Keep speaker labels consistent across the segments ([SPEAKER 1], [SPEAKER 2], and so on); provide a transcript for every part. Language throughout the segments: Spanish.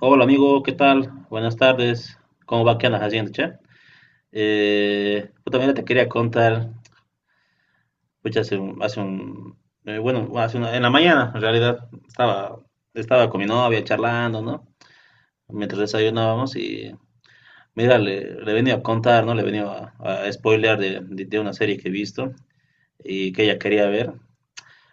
[SPEAKER 1] Hola amigo, ¿qué tal? Buenas tardes. ¿Cómo va? ¿Qué andas haciendo, che? Yo también te quería contar, pucha, hace un bueno, en la mañana, en realidad, estaba con mi novia charlando, ¿no? Mientras desayunábamos y, mira, le venía a contar, ¿no? Le venía a spoilear de una serie que he visto y que ella quería ver.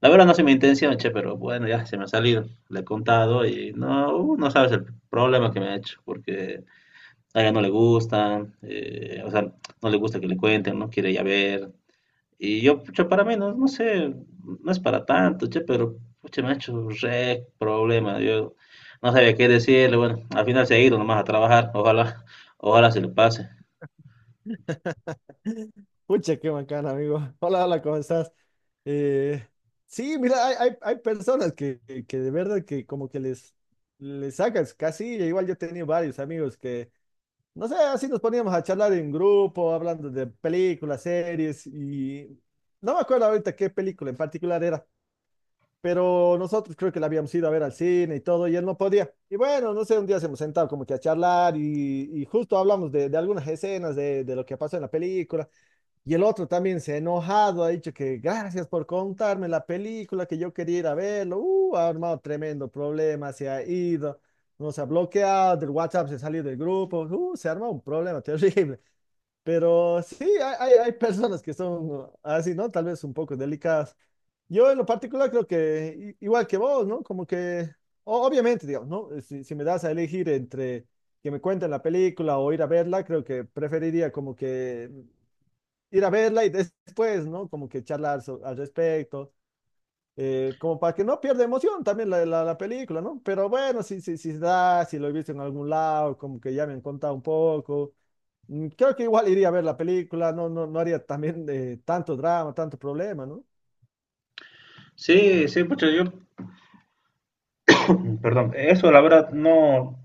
[SPEAKER 1] La verdad no se me intención, che, pero bueno, ya se me ha salido. Le he contado y no, no sabes el problema que me ha hecho, porque a ella no le gusta, o sea, no le gusta que le cuenten, no quiere ya ver. Y yo, pucha, para mí, no, no sé, no es para tanto, che, pero, pucha, me ha hecho re problema. Yo no sabía qué decirle, bueno, al final se ha ido nomás a trabajar, ojalá, ojalá se le pase.
[SPEAKER 2] Pucha, qué bacán, amigo. Hola, hola, ¿cómo estás? Eh, sí, mira, hay personas que de verdad que como que les sacas casi. Igual yo he tenido varios amigos que, no sé, así nos poníamos a charlar en grupo, hablando de películas, series, y no me acuerdo ahorita qué película en particular era, pero nosotros creo que la habíamos ido a ver al cine y todo, y él no podía. Y bueno, no sé, un día se hemos sentado como que a charlar y justo hablamos de algunas escenas de lo que pasó en la película. Y el otro también se ha enojado, ha dicho que gracias por contarme la película que yo quería ir a verlo. Ha armado tremendo problema, se ha ido, nos ha bloqueado, del WhatsApp se ha salido del grupo. Se ha armado un problema terrible. Pero sí, hay personas que son así, ¿no? Tal vez un poco delicadas. Yo en lo particular creo que igual que vos, ¿no? Como que obviamente, digamos, ¿no? Si, si me das a elegir entre que me cuenten la película o ir a verla, creo que preferiría como que ir a verla y después, ¿no? Como que charlar al respecto, como para que no pierda emoción también la película, ¿no? Pero bueno, si se da, si lo he visto en algún lado, como que ya me han contado un poco. Mm, creo que igual iría a ver la película. No haría también tanto drama, tanto problema, ¿no?
[SPEAKER 1] Sí, sí, pucha, yo, perdón, eso la verdad no,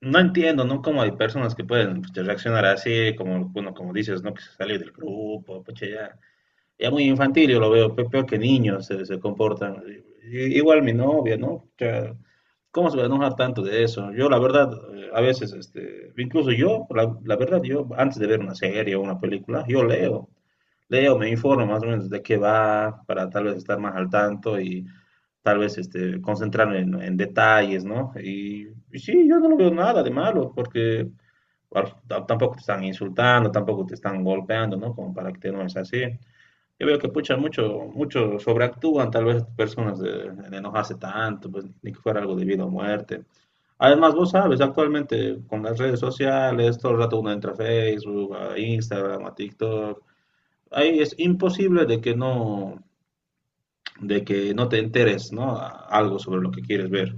[SPEAKER 1] no entiendo, ¿no? Cómo hay personas que pueden pucha, reaccionar así, como, bueno, como dices, ¿no? Que se salió del grupo, pucha, ya. Ya muy infantil, yo lo veo, peor que niños se comportan. Igual mi novia, ¿no? O sea, ¿cómo se va a enojar tanto de eso? Yo, la verdad, a veces, este, incluso yo, la verdad, yo, antes de ver una serie o una película, yo leo, leo, me informo más o menos de qué va, para tal vez estar más al tanto y tal vez, este, concentrarme en detalles, ¿no? Y sí, yo no lo veo nada de malo, porque bueno, tampoco te están insultando, tampoco te están golpeando, ¿no? Como para que te enojes así. Yo veo que pucha, mucho, mucho sobreactúan, tal vez personas de no hace tanto, pues ni que fuera algo de vida o muerte. Además, vos sabes, actualmente con las redes sociales, todo el rato uno entra a Facebook, a Instagram, a TikTok. Ahí es imposible de que no te enteres, ¿no? Algo sobre lo que quieres ver.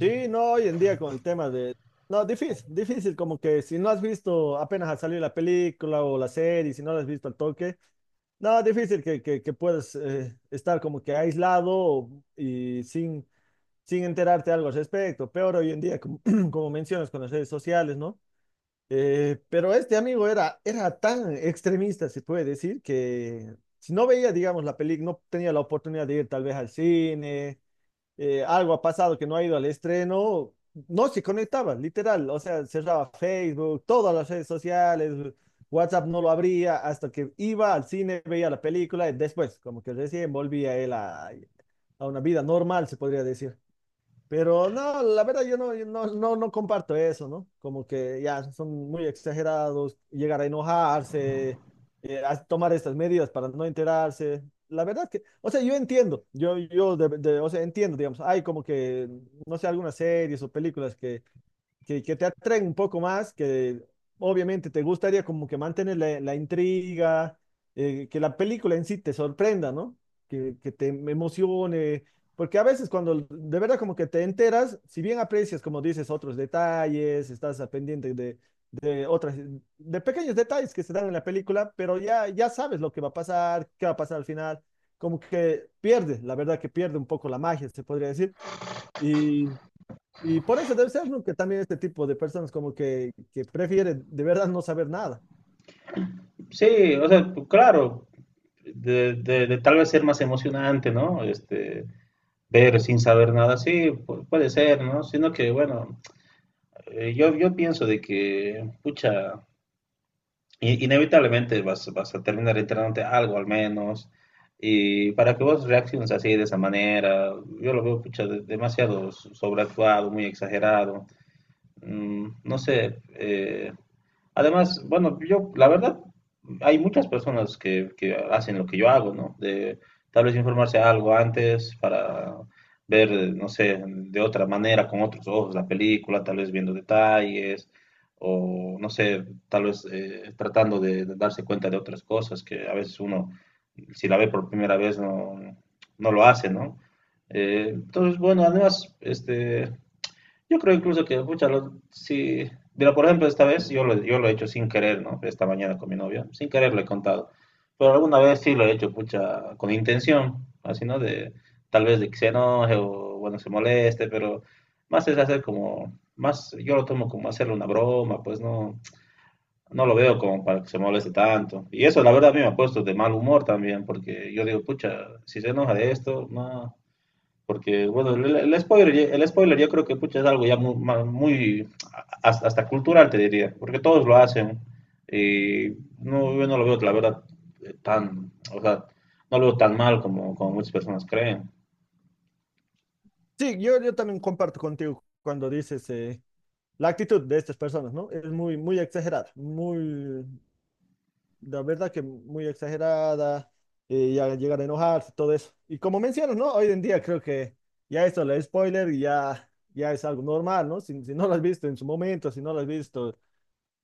[SPEAKER 2] Sí, no, hoy en día con el tema de... No, difícil, como que si no has visto apenas ha salido la película o la serie, si no la has visto al toque, no, difícil que puedas estar como que aislado y sin enterarte algo al respecto. Peor hoy en día, como, como mencionas con las redes sociales, ¿no? Pero este amigo era tan extremista, se puede decir, que si no veía, digamos, la película, no tenía la oportunidad de ir tal vez al cine. Algo ha pasado que no ha ido al estreno, no se conectaba, literal, o sea, cerraba Facebook, todas las redes sociales, WhatsApp no lo abría, hasta que iba al cine, veía la película y después, como que recién volvía él a una vida normal, se podría decir. Pero no, la verdad yo no, yo no, no, no comparto eso, ¿no? Como que ya son muy exagerados, llegar a enojarse, a tomar estas medidas para no enterarse. La verdad que, o sea, yo entiendo, o sea, entiendo, digamos, hay como que, no sé, algunas series o películas que te atraen un poco más, que obviamente te gustaría como que mantener la intriga, que la película en sí te sorprenda, ¿no? Que te emocione, porque a veces cuando de verdad como que te enteras, si bien aprecias, como dices, otros detalles, estás a pendiente de otras, de pequeños detalles que se dan en la película, pero ya, ya sabes lo que va a pasar, qué va a pasar al final, como que pierde, la verdad que pierde un poco la magia, se podría decir, y y por eso debe ser, ¿no? Que también este tipo de personas como que prefieren de verdad no saber nada.
[SPEAKER 1] Sí, o sea, pues, claro, de tal vez ser más emocionante, ¿no? Este, ver sin saber nada, sí, puede ser, ¿no? Sino que, bueno. Yo, yo pienso de que, pucha, inevitablemente vas, vas a terminar enterándote algo al menos. Y para que vos reacciones así de esa manera, yo lo veo, pucha, demasiado sobreactuado, muy exagerado. Mm, no sé, además, bueno, yo, la verdad, hay muchas personas que hacen lo que yo hago, ¿no? De tal vez informarse algo antes para ver, no sé, de otra manera, con otros ojos la película, tal vez viendo detalles, o no sé, tal vez tratando de darse cuenta de otras cosas que a veces uno, si la ve por primera vez, no, no lo hace, ¿no? Entonces, bueno, además, este, yo creo incluso que, pucha, lo- sí. Mira, por ejemplo, esta vez yo lo he hecho sin querer, ¿no? Esta mañana con mi novia, sin querer lo he contado. Pero alguna vez sí lo he hecho, pucha, con intención, así, ¿no? De, tal vez de que se enoje o, bueno, se moleste, pero más es hacer como, más, yo lo tomo como hacerle una broma, pues no, no lo veo como para que se moleste tanto. Y eso, la verdad, a mí me ha puesto de mal humor también, porque yo digo, pucha, si se enoja de esto, no. Porque, bueno, el spoiler, ya- el spoiler yo creo que pucha, es algo ya muy, muy hasta, hasta cultural, te diría, porque todos lo hacen. Y no, yo no lo veo, la verdad, tan, o sea, no lo veo tan mal como, como muchas personas creen.
[SPEAKER 2] Sí, yo también comparto contigo cuando dices la actitud de estas personas, ¿no? Es muy exagerada, muy, la verdad que muy exagerada, ya llegar a enojarse, todo eso. Y como mencionas, ¿no? Hoy en día creo que ya esto, el spoiler, ya es algo normal, ¿no? Si, si no lo has visto en su momento, si no lo has visto.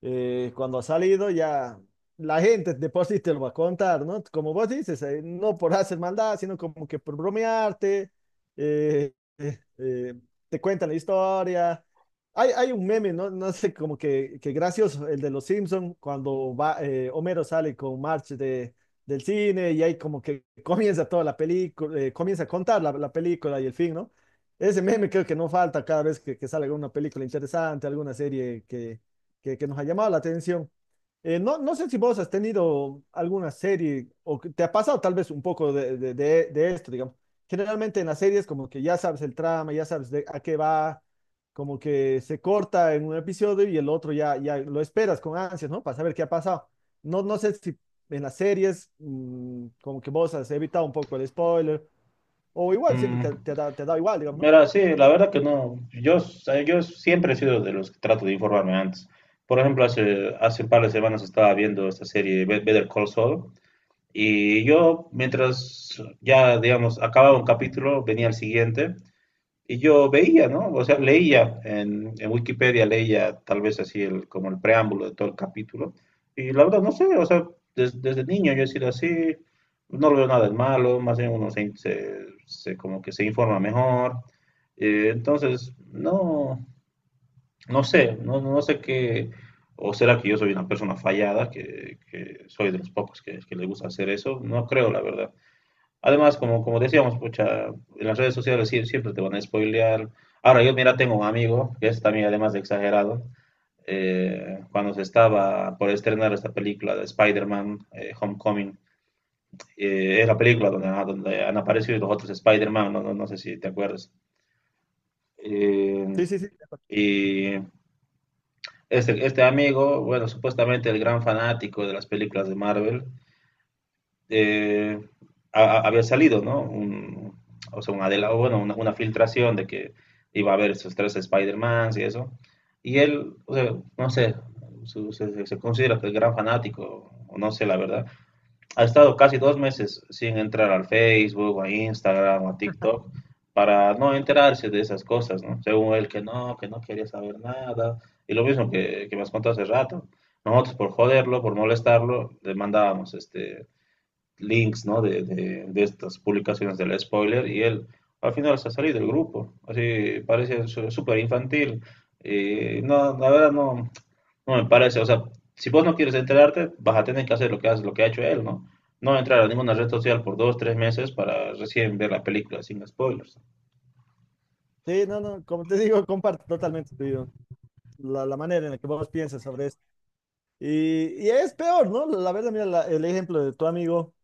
[SPEAKER 2] Cuando ha salido ya la gente después sí te lo va a contar, ¿no? Como vos dices, no por hacer maldad, sino como que por bromearte, eh, eh, eh, te cuentan la historia. Hay un meme, ¿no? No sé, como que gracioso, el de los Simpson cuando va, Homero sale con March del cine y ahí como que comienza toda la película, comienza a contar la película y el fin, ¿no? Ese meme creo que no falta cada vez que sale alguna película interesante, alguna serie que nos ha llamado la atención. No sé si vos has tenido alguna serie o que te ha pasado tal vez un poco de esto, digamos. Generalmente en las series como que ya sabes el trama, ya sabes de a qué va, como que se corta en un episodio y el otro ya, ya lo esperas con ansias, ¿no? Para saber qué ha pasado. No sé si en las series como que vos has evitado un poco el spoiler o igual siempre
[SPEAKER 1] Mm,
[SPEAKER 2] te ha dado igual, digamos, ¿no?
[SPEAKER 1] mira, sí, la verdad que no. Yo, yo siempre he sido de los que trato de informarme antes. Por ejemplo, hace, hace un par de semanas estaba viendo esta serie Better Call Saul. Y yo, mientras ya, digamos, acababa un capítulo, venía el siguiente. Y yo veía, ¿no? O sea, leía en Wikipedia, leía tal vez así el, como el preámbulo de todo el capítulo. Y la verdad, no sé, o sea, desde niño yo he sido así, no lo veo nada de malo, más bien uno se, se como que se informa mejor. Entonces, no, no sé, no, no sé qué, o será que yo soy una persona fallada, que soy de los pocos que le gusta hacer eso, no creo, la verdad. Además, como, como decíamos, pucha, en las redes sociales siempre te van a spoilear. Ahora, yo, mira, tengo un amigo, que es también además de exagerado, cuando se estaba por estrenar esta película de Spider-Man Homecoming, es la película donde, ah, donde han aparecido los otros Spider-Man, no, no sé si te acuerdas. Eh,
[SPEAKER 2] Sí, sí, sí.
[SPEAKER 1] y este, este amigo, bueno, supuestamente el gran fanático de las películas de Marvel, eh, había salido, ¿no? Un- o sea, una, de la- bueno, una filtración de que iba a haber esos tres Spider-Mans y eso. Y él, o sea, no sé, su- se considera que es gran fanático, o no sé la verdad. Ha estado casi 2 meses sin entrar al Facebook, a Instagram, o a TikTok, para no enterarse de esas cosas, ¿no? Según él, que no quería saber nada. Y lo mismo que me has contado hace rato. Nosotros por joderlo, por molestarlo, le mandábamos este, links, ¿no? De estas publicaciones del spoiler y él al final se ha salido del grupo. Así parece súper infantil. Y no, la verdad no, no me parece. O sea, si vos no quieres enterarte, vas a tener que hacer lo que hace, lo que ha hecho él, ¿no? No entrar a ninguna red social por 2, 3 meses para recién ver la película sin spoilers.
[SPEAKER 2] Sí, no, no, como te digo, comparto totalmente tu idea. La manera en la que vos piensas sobre y es peor, ¿no? La verdad, mira el ejemplo de tu amigo,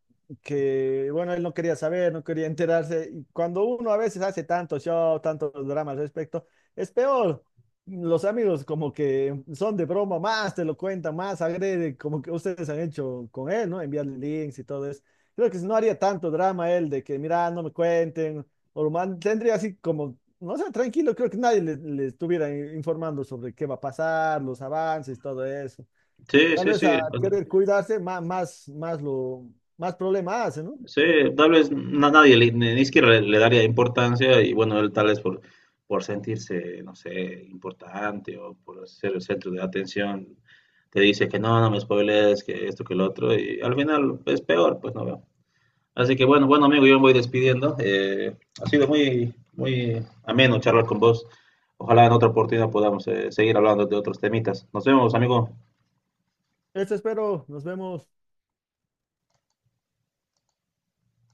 [SPEAKER 2] que bueno, él no quería saber, no quería enterarse. Y cuando uno a veces hace tanto show, tantos dramas al respecto, es peor. Los amigos como que son de broma, más te lo cuentan, más agrede, como que ustedes han hecho con él, ¿no? Enviarle links y todo eso. Creo que si no haría tanto drama él de que, mira, no me cuenten, o lo tendría así como, no sé, tranquilo, creo que nadie le estuviera informando sobre qué va a pasar, los avances, todo eso.
[SPEAKER 1] Sí,
[SPEAKER 2] Tal
[SPEAKER 1] sí,
[SPEAKER 2] vez a
[SPEAKER 1] sí.
[SPEAKER 2] querer cuidarse, más más problema hace, ¿no?
[SPEAKER 1] Sí, tal vez nadie, le- ni ni siquiera le, le daría importancia y bueno, él tal vez por sentirse, no sé, importante o por ser el centro de atención, te dice que no, no me spoilees, que esto, que lo otro y al final es peor, pues no veo. Así que bueno, bueno amigo, yo me voy despidiendo. Ha sido muy, muy ameno charlar con vos. Ojalá en otra oportunidad podamos seguir hablando de otros temitas. Nos vemos, amigo.
[SPEAKER 2] Eso espero. Nos vemos.